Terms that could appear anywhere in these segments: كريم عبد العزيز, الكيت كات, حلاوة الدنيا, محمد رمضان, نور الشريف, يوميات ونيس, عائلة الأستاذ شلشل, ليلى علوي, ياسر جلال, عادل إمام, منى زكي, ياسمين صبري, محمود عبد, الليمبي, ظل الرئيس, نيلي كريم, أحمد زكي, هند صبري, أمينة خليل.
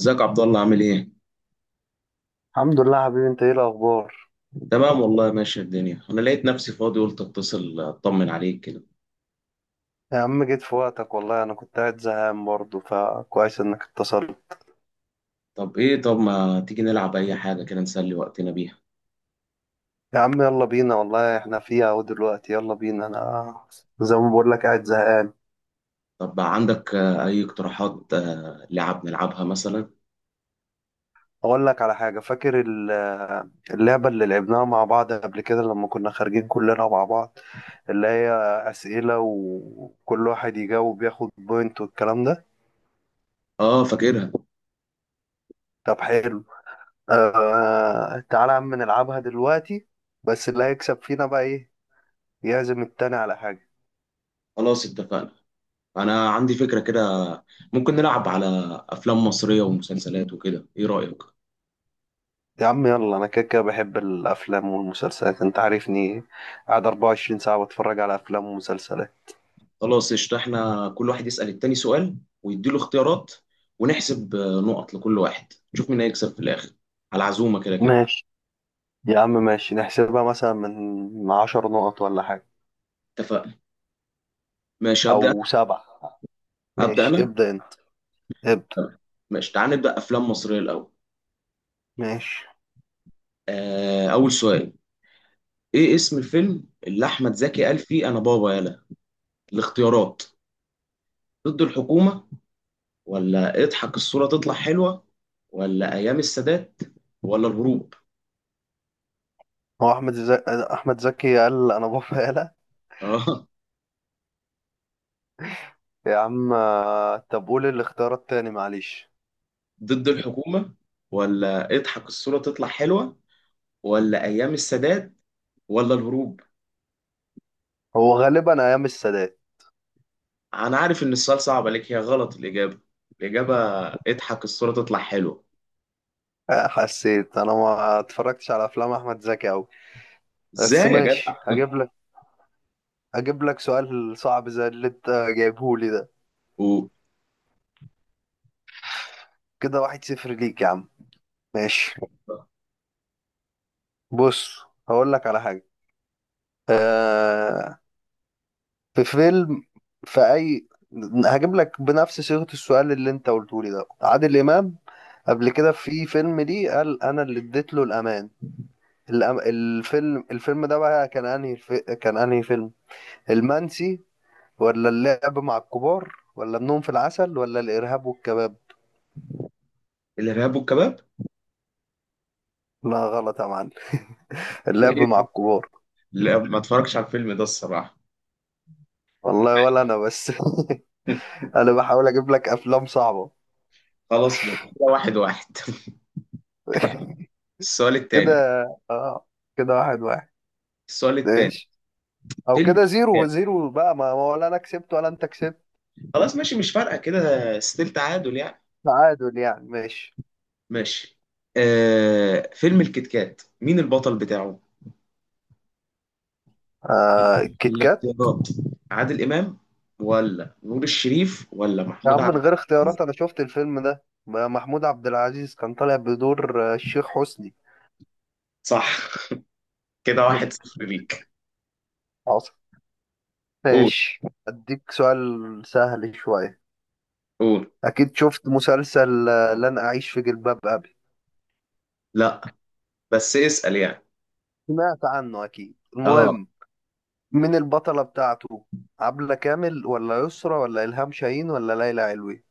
ازيك عبد الله، عامل ايه؟ الحمد لله، يا حبيبي، انت ايه الاخبار؟ تمام والله، ماشية الدنيا. انا لقيت نفسي فاضي قلت اتصل اطمن عليك كده. يا عم، جيت في وقتك والله. انا كنت قاعد زهقان برضه، فكويس انك اتصلت. طب ما تيجي نلعب اي حاجة كده نسلي وقتنا بيها؟ يا عم يلا بينا والله، احنا فيها اهو دلوقتي. يلا بينا، انا زي ما بقول لك قاعد زهقان. طب عندك اي اقتراحات لعب نلعبها مثلا؟ اقول لك على حاجه، فاكر اللعبه اللي لعبناها مع بعض قبل كده لما كنا خارجين كلنا مع بعض؟ اللي هي اسئله، وكل واحد يجاوب ياخد بوينت والكلام ده. اه، فاكرها. طب حلو. آه، تعالى يا عم نلعبها دلوقتي. بس اللي هيكسب فينا بقى ايه؟ يعزم التاني على حاجه. خلاص اتفقنا. انا عندي فكرة كده، ممكن نلعب على افلام مصرية ومسلسلات وكده، ايه رأيك؟ يا عم يلا، انا كده كده بحب الافلام والمسلسلات، انت عارفني قاعد 24 ساعة بتفرج على افلام ومسلسلات. خلاص قشطة. احنا كل واحد يسأل التاني سؤال ويديله اختيارات ونحسب نقط لكل واحد نشوف مين هيكسب في الاخر، على عزومة كده كده. ماشي. يا عم ماشي، نحسبها مثلا من 10 نقط ولا حاجة؟ اتفقنا. ماشي، ابدا. او سبعة. ابدا ماشي، انا. ابدأ انت. ابدأ. تمام. ماشي، تعال نبدا افلام مصريه الاول. ماشي. آه، اول سؤال: ايه اسم الفيلم اللي احمد زكي قال فيه انا بابا؟ يلا، الاختيارات: ضد الحكومه، ولا اضحك الصوره تطلع حلوه، ولا ايام السادات، ولا الهروب. هو احمد زكي قال انا بفعلها؟ اه، يا عم، طب قول الاختيار التاني، معلش. ضد الحكومه، ولا اضحك الصوره تطلع حلوه، ولا ايام السادات، ولا الهروب. هو غالبا ايام السادات. انا عارف ان السؤال صعب عليك. هي غلط الاجابه. الاجابه اضحك الصوره تطلع حلوه. حسيت انا ما اتفرجتش على افلام احمد زكي اوي. بس ازاي يا ماشي، هجيب لك اجيب لك سؤال صعب زي اللي انت جايبه لي ده. جدع؟ كده واحد صفر ليك يا عم. ماشي، بص هقول لك على حاجة. آه، في فيلم. في اي هجيب لك بنفس صيغة السؤال اللي انت قلته لي ده. عادل امام قبل كده في فيلم ليه قال انا اللي اديت له الامان. الفيلم ده بقى كان انهي فيلم؟ المنسي، ولا اللعب مع الكبار، ولا النوم في العسل، ولا الارهاب والكباب؟ الارهاب والكباب. لا، غلط يا معلم. اللعب إيه مع ده؟ الكبار. لا، ما اتفرجش على الفيلم ده الصراحه. والله ولا انا، بس انا بحاول اجيب لك افلام صعبة. خلاص بقى، كده واحد واحد. السؤال كده. التاني. اه، كده واحد واحد. السؤال التاني. ماشي. او فيلم الكيت كده زيرو كات. زيرو بقى، ما ولا انا كسبت ولا انت كسبت. خلاص ماشي، مش فارقه كده، ستيل تعادل يعني. تعادل يعني. ماشي. ماشي. آه، فيلم الكيت كات مين البطل بتاعه؟ آه، الكيت كات. الاختيارات: عادل امام، ولا نور الشريف، ولا يا محمود عم من عبد. غير اختيارات، انا شفت الفيلم ده، محمود عبد العزيز كان طالع بدور الشيخ حسني. صح. كده واحد صفر ليك. حصل. قول. ماشي، اديك سؤال سهل شوية. قول. اكيد شفت مسلسل لن اعيش في جلباب ابي؟ لا، بس اسأل يعني. سمعت عنه اكيد. اه. المهم، مين البطلة بتاعته؟ عبلة كامل، ولا يسرا، ولا إلهام شاهين، ولا ليلى علوي؟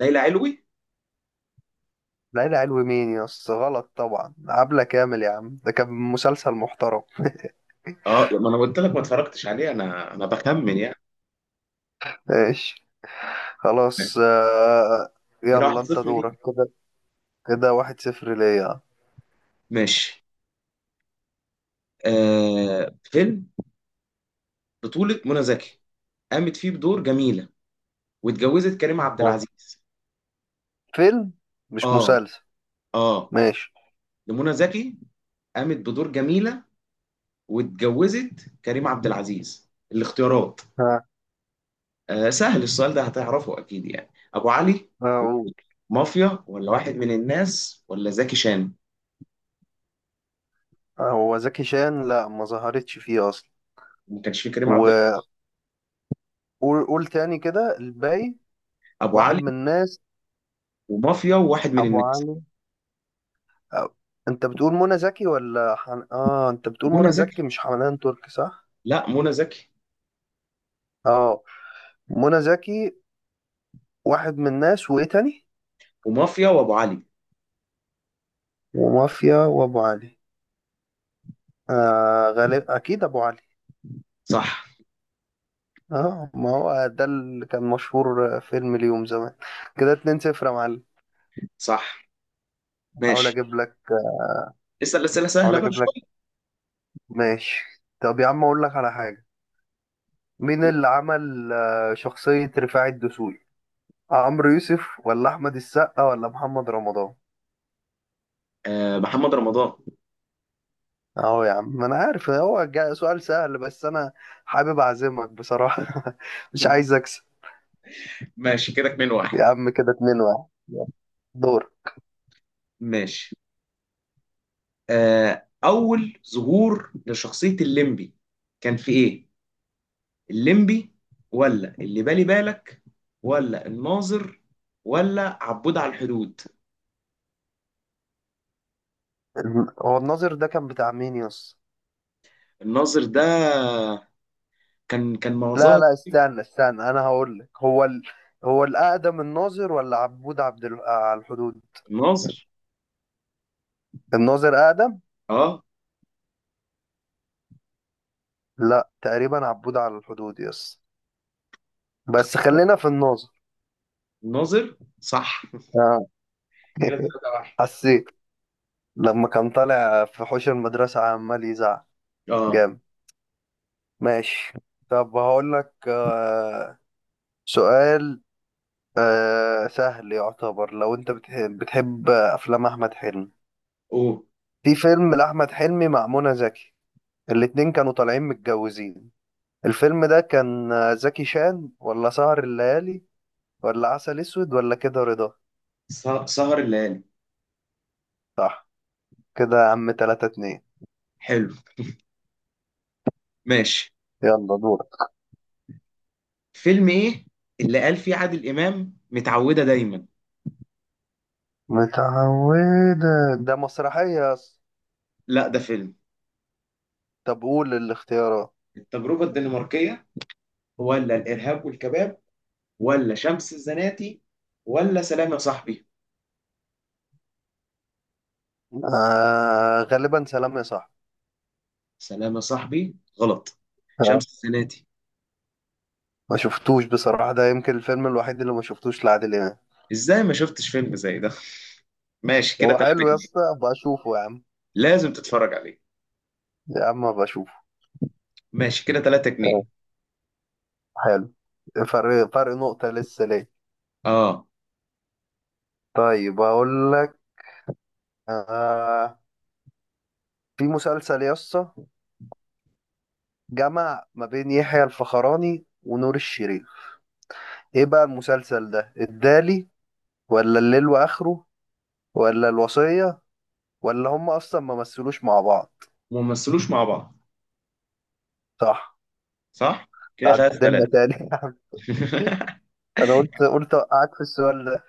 ليلى علوي. ليلى علوي مين يا اسطى؟ غلط طبعا، عبلة كامل يا عم، ده كان مسلسل محترم. اه، ما انا قلت لك ما اتفرجتش عليه، انا بخمن يعني. ماشي. خلاص، كده يلا انت 1-0 دورك. ليك. كده كده واحد صفر ليا. ماشي. آه، فيلم بطولة منى زكي، قامت فيه بدور جميلة واتجوزت كريم عبد ها. العزيز. فيلم، مش اه. مسلسل. اه. ماشي. ده منى زكي، قامت بدور جميلة واتجوزت كريم عبد العزيز. الاختيارات: ها، آه، سهل السؤال ده، هتعرفه أكيد يعني. أبو علي، أقول. مافيا، ولا واحد من الناس، ولا زكي شان. هو زكي شان؟ لا، ما ظهرتش فيه اصلا. ما كانش فيه كريم عبد العزيز. وقول تاني كده الباقي. أبو واحد علي، من الناس، ومافيا، وواحد من ابو الناس. علي. آه، انت بتقول منى زكي ولا حن... اه انت بتقول منى منى زكي، زكي. مش حنان ترك، صح؟ لا، منى زكي. اه، منى زكي. واحد من الناس، وايه تاني؟ ومافيا وأبو علي. ومافيا وابو علي. غالب اكيد ابو علي. صح. اه، ما هو ده اللي كان مشهور، فيلم اليوم زمان. كده 2-0 يا معلم. صح. حاول ماشي. اجيب لك اسال اسئله سهله حاول بقى اجيب لك. شويه. ماشي. طب يا عم اقول لك على حاجه، مين اللي عمل شخصيه رفاعي الدسوقي؟ عمرو يوسف، ولا احمد السقا، ولا محمد رمضان؟ آه، محمد رمضان. اهو يا عم، ما انا عارف هو سؤال سهل، بس انا حابب اعزمك بصراحة. مش عايز اكسب. ماشي، كده 2 واحد. يا عم كده اتنين واحد، يلا، دور. ماشي. آه، اول ظهور لشخصيه الليمبي كان في ايه؟ الليمبي، ولا اللي بالي بالك، ولا الناظر، ولا عبود على الحدود. هو الناظر ده كان بتاع مين، يس؟ الناظر ده كان لا معظمها. لا، استنى استنى، انا هقول لك. هو الاقدم، الناظر ولا عبود عبد ال... آه، على الحدود؟ الناظر. الناظر اقدم. اه. لا، تقريبا عبود على الحدود يس. بس خلينا في الناظر. الناظر صح. اه. كده 3 واحد. حسيت لما كان طالع في حوش المدرسة عمال يزعق. اه. جامد. ماشي. طب هقول لك سؤال سهل يعتبر، لو انت بتحب افلام احمد حلمي. اوه. في فيلم لاحمد حلمي مع منى زكي، الاتنين كانوا طالعين متجوزين. الفيلم ده كان زكي شان، ولا سهر الليالي، ولا عسل اسود، ولا كده رضا؟ سهر الليالي. صح. كده يا عم تلاتة اتنين. حلو. ماشي. يلا دورك. فيلم ايه اللي قال فيه عادل امام متعوده دايما؟ متعودة؟ ده مسرحية يا اسطى. لا، ده فيلم. طب قول الاختيارات. التجربه الدنماركيه، ولا الارهاب والكباب، ولا شمس الزناتي، ولا سلام يا صاحبي. غالبا سلام يا صاحبي. سلام يا صاحبي غلط. شمس الزناتي. ما شفتوش بصراحة، ده يمكن الفيلم الوحيد اللي ما شفتوش لعادل إمام. ازاي ما شفتش فيلم زي ده؟ ماشي، كده هو 3 حلو يا جنيه اسطى؟ أبقى أشوفه يا عم. لازم تتفرج عليه. يا عم أبقى أشوفه. ماشي، كده 3 آه، جنيه حلو. فرق نقطة لسه ليه. اه، طيب أقول لك. آه في مسلسل يا اسطى جمع ما بين يحيى الفخراني ونور الشريف، إيه بقى المسلسل ده؟ الدالي، ولا الليل وآخره، ولا الوصية، ولا هم أصلا ما مثلوش مع بعض؟ وممثلوش مع بعض. صح، صح. كده 3 تعدلنا 3. تاني. يا عم. أنا قلت أوقعك في السؤال ده.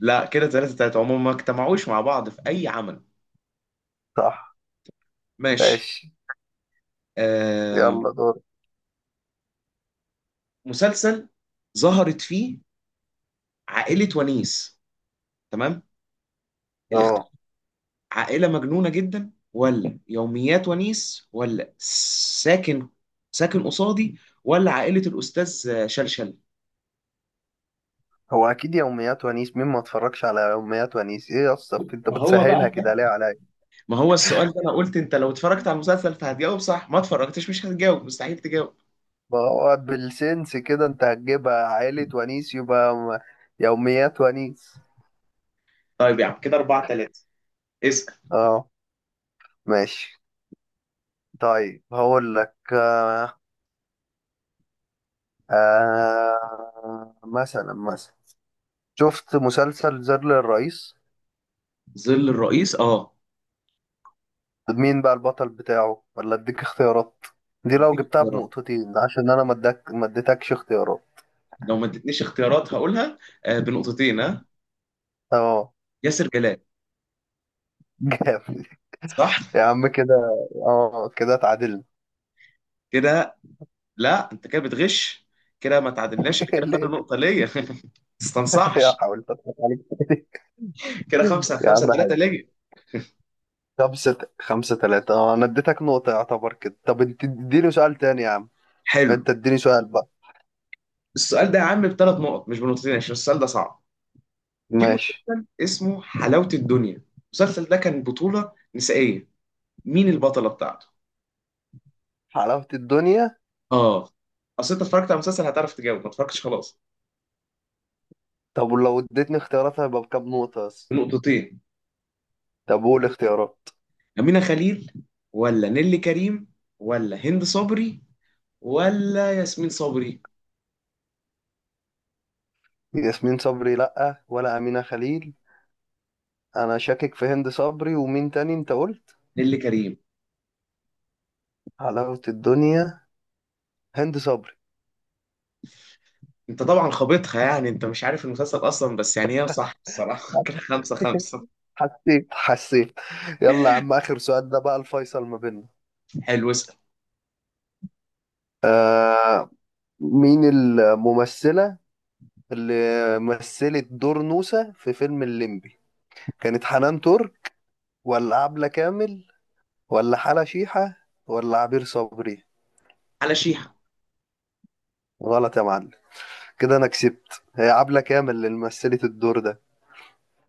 لا، كده 3 3 عموما، ما اجتمعوش مع بعض في اي عمل. صح. ماشي. ماشي. آه، يلا دور. مسلسل ظهرت فيه عائلة ونيس. تمام. الاخت... اه، عائلة مجنونة جدا، ولا يوميات ونيس، ولا ساكن، ساكن قصادي، ولا عائلة الأستاذ شلشل. هو اكيد يوميات ونيس. مين ما اتفرجش على يوميات ونيس؟ ايه يا اسطى، انت ما هو بقى. بتسهلها كده ليه عليا؟ ما هو السؤال ده، أنا قلت أنت لو اتفرجت على المسلسل فهتجاوب صح، ما اتفرجتش مش هتجاوب، مستحيل تجاوب. ما هو بالسنس كده، انت هتجيبها عائلة ونيس يبقى يوميات ونيس. طيب يا عم كده أربعة تلاتة. اسأل. اه. ماشي. طيب هقول لك، مثلا شفت مسلسل زر للرئيس. ظل الرئيس أه. مين بقى البطل بتاعه، ولا اديك اختيارات؟ دي لو اديني جبتها اختيارات، بنقطتين، عشان انا ما اديتكش اختيارات. لو ما ادتنيش اختيارات هقولها. آه، بنقطتين ها. اه. ياسر جلال. جامد. صح. يا عم كده، اه كده اتعادلنا. كده. لا، انت كده بتغش، كده ما تعادلناش، انا كده فاضل ليه؟ نقطه ليا. ما يا، تستنصحش. حاولت اضحك عليك تاني. كده خمسه يا خمسه، عم ثلاثه حاج. ليا. خمسة خمسة تلاتة. اه، انا اديتك نقطة يعتبر كده. طب انت اديني سؤال تاني يا عم. حلو. انت اديني سؤال بقى. السؤال ده يا عم بثلاث نقط مش بنقطتين عشان السؤال ده صعب. في ماشي. مسلسل اسمه حلاوه الدنيا، المسلسل ده كان بطوله نسائيه، مين البطله بتاعته؟ حلاوة الدنيا؟ اه. اصل انت اتفرجت على المسلسل هتعرف تجاوب، ما اتفرجتش خلاص. طب ولو اديتني اختيارات، هيبقى بكام نقطة بس؟ نقطتين. طب قول اختيارات. امينه خليل، ولا نيلي كريم، ولا هند صبري، ولا ياسمين صبري. ياسمين صبري لأ، ولا أمينة خليل. أنا شاكك في هند صبري، ومين تاني أنت قلت؟ نيلي كريم. حلاوة الدنيا، هند صبري. انت طبعا خابطها يعني، انت مش عارف المسلسل اصلا، بس يعني هي صح الصراحه. كده خمسة خمسة. حسيت. يلا يا عم، آخر سؤال ده بقى الفيصل ما بيننا. حلو، اسأل. آه مين الممثلة اللي مثلت دور نوسة في فيلم الليمبي؟ كانت حنان ترك، ولا عبلة كامل، ولا حلا شيحة، ولا عبير صبري؟ على شيحة. غلط يا معلم. كده أنا كسبت، هي عبلة كامل اللي مثلت الدور ده.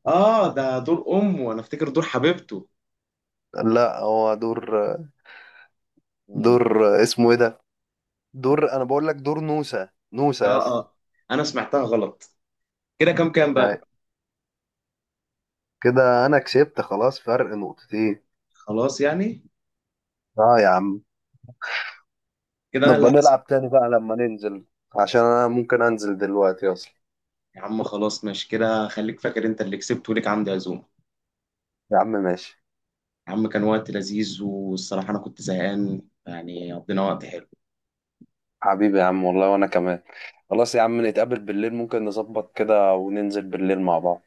اه، ده دور امه وانا افتكر دور حبيبته. لا، هو دور، مم. دور اسمه إيه ده. دور أنا بقول لك، دور نوسة، نوسة اه. يس. اه، انا سمعتها غلط. كده كام كام بقى؟ يعني كده أنا كسبت خلاص، فرق نقطتين. خلاص يعني. اه يا عم. كده انا نبقى اللي هسيب. نلعب تاني بقى لما ننزل، عشان انا ممكن انزل دلوقتي اصلا. يا عم خلاص ماشي، كده خليك فاكر انت اللي كسبت وليك عندي عزومه. يا عم ماشي. يا عم كان وقت لذيذ، والصراحه انا كنت زهقان يعني، قضينا وقت حلو. حبيبي يا عم والله، وانا كمان. خلاص يا عم، نتقابل بالليل، ممكن نظبط كده وننزل بالليل مع بعض.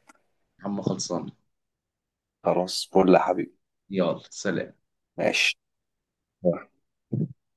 يا عم خلصان. خلاص فل يا حبيبي. يلا سلام. ماشي